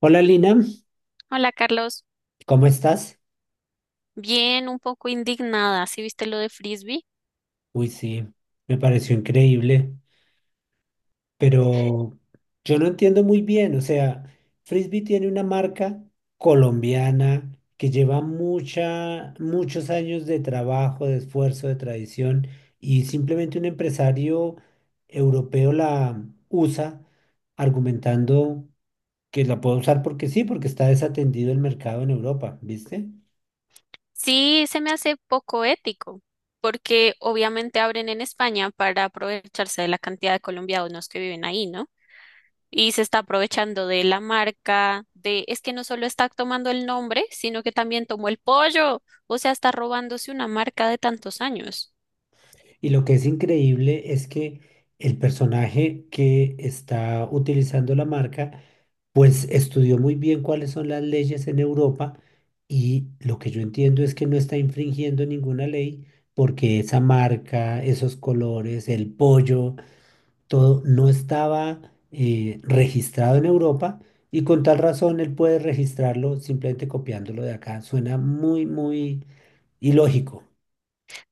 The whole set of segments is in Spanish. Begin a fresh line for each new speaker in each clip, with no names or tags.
Hola Lina,
Hola Carlos,
¿cómo estás?
bien, un poco indignada, ¿sí viste lo de Frisbee?
Uy, sí, me pareció increíble, pero yo no entiendo muy bien, o sea, Frisbee tiene una marca colombiana que lleva muchos años de trabajo, de esfuerzo, de tradición, y simplemente un empresario europeo la usa argumentando que la puede usar porque sí, porque está desatendido el mercado en Europa, ¿viste?
Sí, se me hace poco ético, porque obviamente abren en España para aprovecharse de la cantidad de colombianos que viven ahí, ¿no? Y se está aprovechando de la marca, de, es que no solo está tomando el nombre, sino que también tomó el pollo, o sea, está robándose una marca de tantos años.
Y lo que es increíble es que el personaje que está utilizando la marca, pues estudió muy bien cuáles son las leyes en Europa y lo que yo entiendo es que no está infringiendo ninguna ley porque esa marca, esos colores, el pollo, todo no estaba registrado en Europa y con tal razón él puede registrarlo simplemente copiándolo de acá. Suena muy ilógico.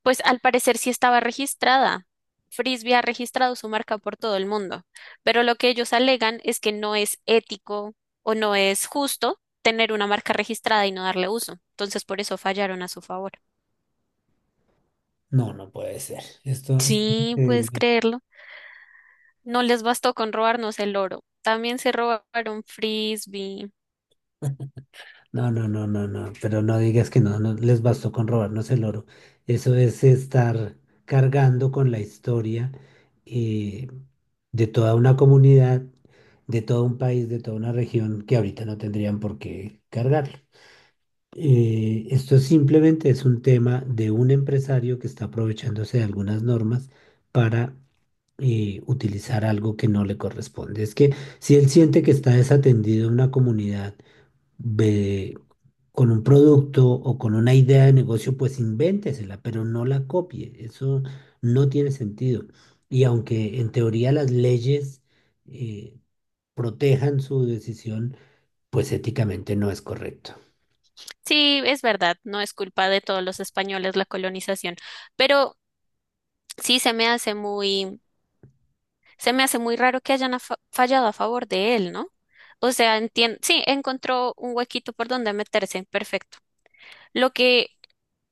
Pues al parecer sí estaba registrada. Frisbee ha registrado su marca por todo el mundo, pero lo que ellos alegan es que no es ético o no es justo tener una marca registrada y no darle uso. Entonces por eso fallaron a su favor.
No, no puede ser. Esto es
Sí, puedes
increíble.
creerlo. No les bastó con robarnos el oro. También se robaron Frisbee.
No, no, no, no, no, pero no digas que no, no les bastó con robarnos el oro. Eso es estar cargando con la historia eh, de toda una comunidad, de todo un país, de toda una región que ahorita no tendrían por qué cargarlo. Esto simplemente es un tema de un empresario que está aprovechándose de algunas normas para utilizar algo que no le corresponde. Es que si él siente que está desatendido en una comunidad, ve, con un producto o con una idea de negocio, pues invéntesela, pero no la copie. Eso no tiene sentido. Y aunque en teoría las leyes eh, protejan su decisión, pues éticamente no es correcto.
Sí, es verdad, no es culpa de todos los españoles la colonización, pero sí se me hace muy. Se me hace muy raro que hayan fallado a favor de él, ¿no? O sea, sí, encontró un huequito por donde meterse, perfecto. Lo que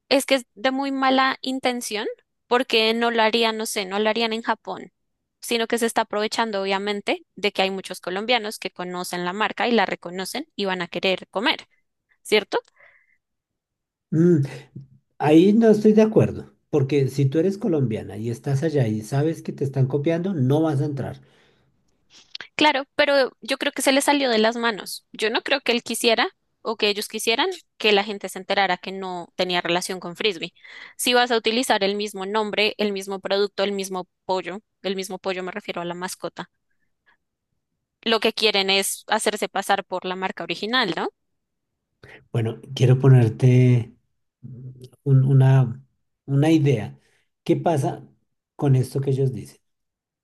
es que es de muy mala intención, porque no lo harían, no sé, no lo harían en Japón, sino que se está aprovechando, obviamente, de que hay muchos colombianos que conocen la marca y la reconocen y van a querer comer, ¿cierto?
Mm, ahí no estoy de acuerdo, porque si tú eres colombiana y estás allá y sabes que te están copiando, no vas a entrar.
Claro, pero yo creo que se le salió de las manos. Yo no creo que él quisiera o que ellos quisieran que la gente se enterara que no tenía relación con Frisbee. Si vas a utilizar el mismo nombre, el mismo producto, el mismo pollo me refiero a la mascota, lo que quieren es hacerse pasar por la marca original, ¿no?
Bueno, quiero ponerte mm, un- una, una idea. ¿Qué pasa con esto que ellos dicen?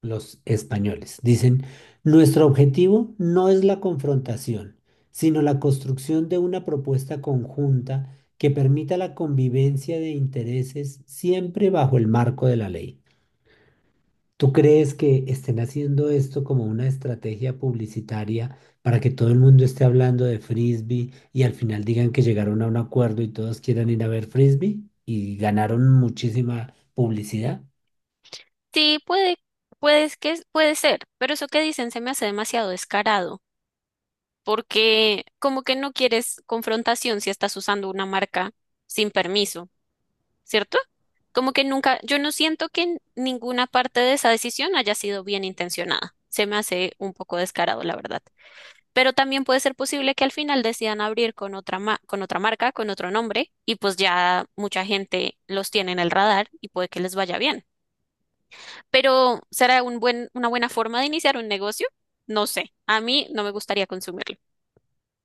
Los españoles. Dicen, nuestro objetivo no es la confrontación, sino la construcción de una propuesta conjunta que permita la convivencia de intereses siempre bajo el marco de la ley. ¿Tú crees que estén haciendo esto como una estrategia publicitaria para que todo el mundo esté hablando de frisbee y al final digan que llegaron a un acuerdo y todos quieran ir a ver frisbee y ganaron muchísima publicidad?
Sí, puede, puede que, puede ser, pero eso que dicen se me hace demasiado descarado, porque como que no quieres confrontación si estás usando una marca sin permiso. ¿Cierto? Como que nunca, yo no siento que en ninguna parte de esa decisión haya sido bien intencionada. Se me hace un poco descarado, la verdad. Pero también puede ser posible que al final decidan abrir con otra con otra marca, con otro nombre, y pues ya mucha gente los tiene en el radar y puede que les vaya bien. Pero ¿será un buen, una buena forma de iniciar un negocio? No sé. A mí no me gustaría consumirlo.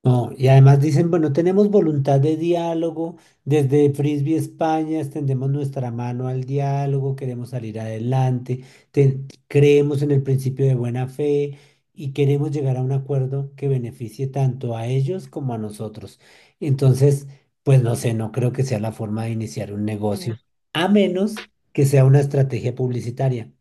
No, y además dicen, bueno, tenemos voluntad de diálogo, desde Frisbee España extendemos nuestra mano al diálogo, queremos salir adelante, creemos en el principio de buena fe y queremos llegar a un acuerdo que beneficie tanto a ellos como a nosotros. Entonces, pues no sé, no creo que sea la forma de iniciar un
No,
negocio, a menos que sea una estrategia publicitaria.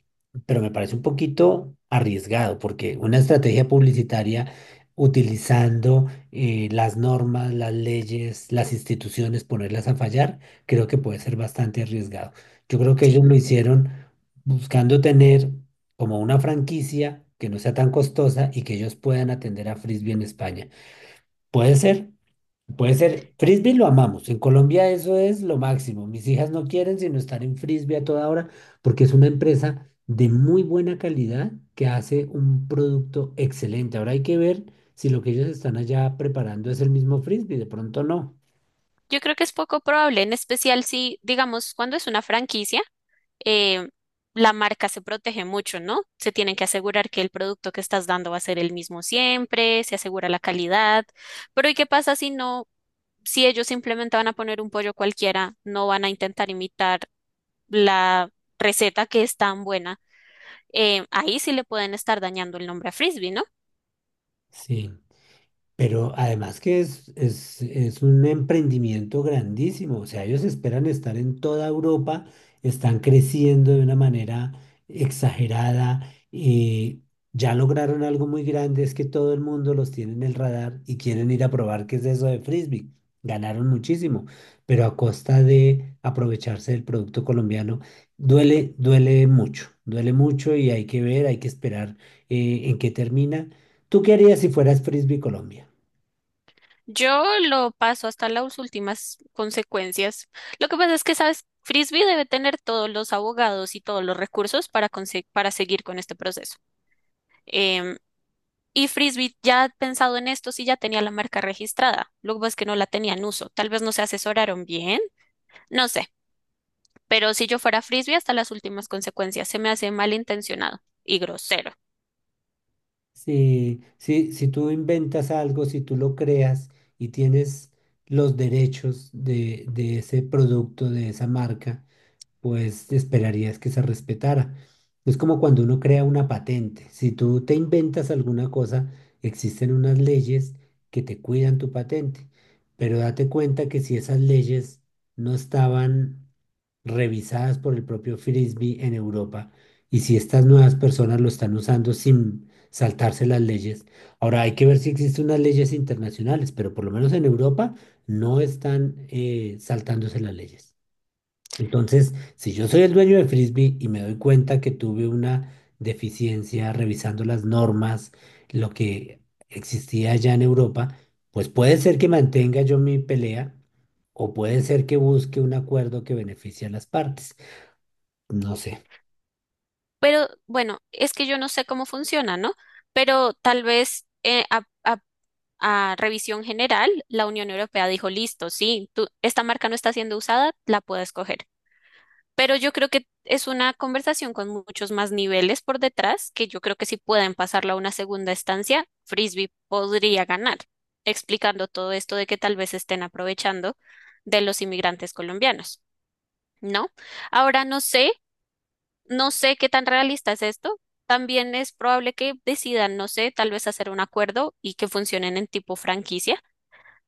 Pero me parece un poquito arriesgado, porque una estrategia publicitaria utilizando las normas, las leyes, las instituciones, ponerlas a fallar, creo que puede ser bastante arriesgado. Yo creo que
sí.
ellos lo hicieron buscando tener como una franquicia que no sea tan costosa y que ellos puedan atender a Frisbee en España. ¿Puede ser? Puede ser, frisbee lo amamos. En Colombia eso es lo máximo. Mis hijas no quieren sino estar en frisbee a toda hora porque es una empresa de muy buena calidad que hace un producto excelente. Ahora hay que ver si lo que ellos están allá preparando es el mismo frisbee. De pronto no.
Yo creo que es poco probable, en especial si, digamos, cuando es una franquicia. eh, la marca se protege mucho, ¿no? Se tienen que asegurar que el producto que estás dando va a ser el mismo siempre, se asegura la calidad. Pero ¿y qué pasa si no, si ellos simplemente van a poner un pollo cualquiera, no van a intentar imitar la receta que es tan buena? Ahí sí le pueden estar dañando el nombre a Frisbee, ¿no?
Sí. Pero además que es un emprendimiento grandísimo, o sea, ellos esperan estar en toda Europa, están creciendo de una manera exagerada y ya lograron algo muy grande, es que todo el mundo los tiene en el radar y quieren ir a probar qué es eso de frisbee. Ganaron muchísimo, pero a costa de aprovecharse del producto colombiano, duele, duele mucho y hay que ver, hay que esperar en qué termina. ¿Tú qué harías si fueras Frisbee Colombia?
Yo lo paso hasta las últimas consecuencias. Lo que pasa es que, ¿sabes? Frisbee debe tener todos los abogados y todos los recursos para, para seguir con este proceso. Em, Y Frisbee ya ha pensado en esto si ya tenía la marca registrada. Lo que pasa es que no la tenía en uso. Tal vez no se asesoraron bien, no sé. Pero si yo fuera Frisbee hasta las últimas consecuencias, se me hace malintencionado y grosero.
Sí, sí, si tú inventas algo, si tú lo creas y tienes los derechos de ese producto, de esa marca, pues esperarías que se respetara. Es como cuando uno crea una patente. Si tú te inventas alguna cosa, existen unas leyes que te cuidan tu patente, pero date cuenta que si esas leyes no estaban revisadas por el propio Frisbee en Europa y si estas nuevas personas lo están usando sin saltarse las leyes, ahora hay que ver si existen unas leyes internacionales, pero por lo menos en Europa no están saltándose las leyes. Entonces, si yo soy el dueño de Frisbee y me doy cuenta que tuve una deficiencia revisando las normas, lo que existía allá en Europa, pues puede ser que mantenga yo mi pelea o puede ser que busque un acuerdo que beneficie a las partes. No sé.
Pero bueno, es que yo no sé cómo funciona, ¿no? Pero tal vez a revisión general, la Unión Europea dijo, listo, sí, tú, esta marca no está siendo usada, la puedes coger. Pero yo creo que es una conversación con muchos más niveles por detrás, que yo creo que si pueden pasarla a una segunda estancia, Frisbee podría ganar, explicando todo esto de que tal vez estén aprovechando de los inmigrantes colombianos, ¿no? Ahora no sé, no sé qué tan realista es esto. También es probable que decidan, no sé, tal vez hacer un acuerdo y que funcionen en tipo franquicia,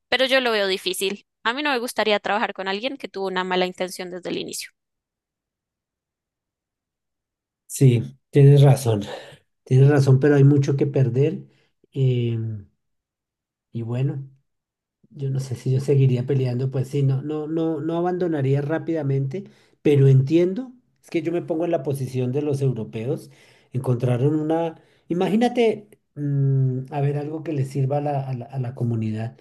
pero yo lo veo difícil. A mí no me gustaría trabajar con alguien que tuvo una mala intención desde el inicio.
Sí, tienes razón. Tienes razón, pero hay mucho que perder. em, y bueno. Yo no sé si yo seguiría peleando, pues sí, no, no, no, no abandonaría rápidamente, pero entiendo, es que yo me pongo en la posición de los europeos, encontraron una, imagínate, mm, a ver, algo que les sirva a a la comunidad.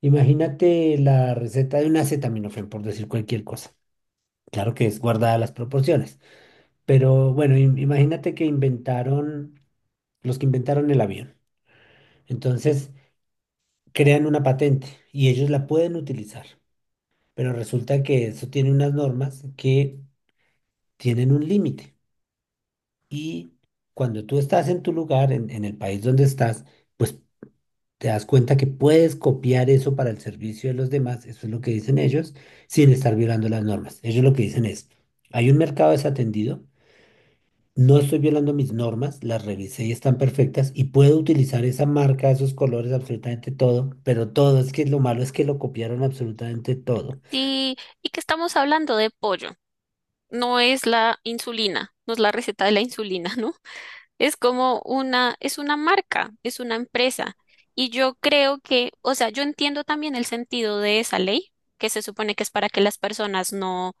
Imagínate la receta de un acetaminofén, por decir cualquier cosa. Claro que es guardada las proporciones, pero bueno, imagínate que inventaron, los que inventaron el avión. Entonces, crean una patente y ellos la pueden utilizar. Pero resulta que eso tiene unas normas que tienen un límite. Y cuando tú estás en tu lugar, en el país donde estás, pues te das cuenta que puedes copiar eso para el servicio de los demás, eso es lo que dicen ellos, sin estar violando las normas. Ellos lo que dicen es, hay un mercado desatendido, no estoy violando mis normas, las revisé y están perfectas, y puedo utilizar esa marca, esos colores, absolutamente todo, pero todo, es que lo malo es que lo copiaron absolutamente todo.
Sí, y que estamos hablando de pollo. No es la insulina, no es la receta de la insulina, ¿no? Es como una, es una marca, es una empresa. Y yo creo que, o sea, yo entiendo también el sentido de esa ley, que se supone que es para que las personas no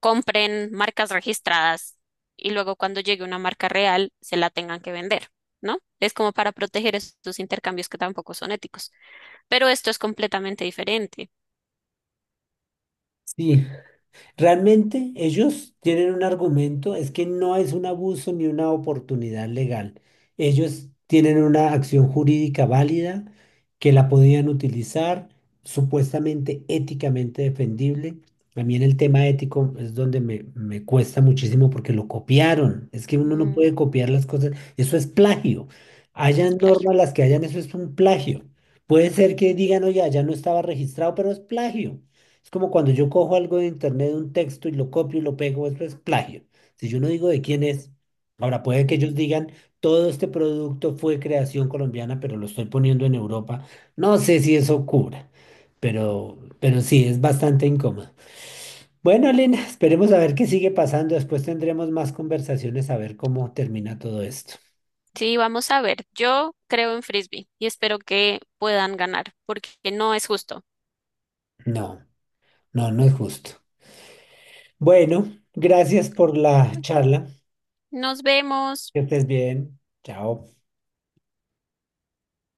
compren marcas registradas y luego cuando llegue una marca real se la tengan que vender, ¿no? Es como para proteger estos intercambios que tampoco son éticos. Pero esto es completamente diferente.
Sí, realmente ellos tienen un argumento, es que no es un abuso ni una oportunidad legal. Ellos tienen una acción jurídica válida que la podían utilizar, supuestamente éticamente defendible. A mí en el tema ético es donde me cuesta muchísimo porque lo copiaron. Es que uno no
Mm,
puede copiar las cosas. Eso es plagio.
es
Hayan
plagio.
normas las que hayan, eso es un plagio. Puede ser que digan, oye, ya no estaba registrado, pero es plagio. Es como cuando yo cojo algo de internet, un texto y lo copio y lo pego, eso es plagio. Si yo no digo de quién es, ahora puede que
Mm.
ellos digan, todo este producto fue creación colombiana, pero lo estoy poniendo en Europa. No sé si eso cubra, pero sí, es bastante incómodo. Bueno, Lina, esperemos a ver qué sigue pasando. Después tendremos más conversaciones a ver cómo termina todo esto.
Sí, vamos a ver. Yo creo en Frisbee y espero que puedan ganar porque no es justo.
No, no, no es justo. Bueno, gracias por la charla.
Nos vemos.
Que estés bien. Chao.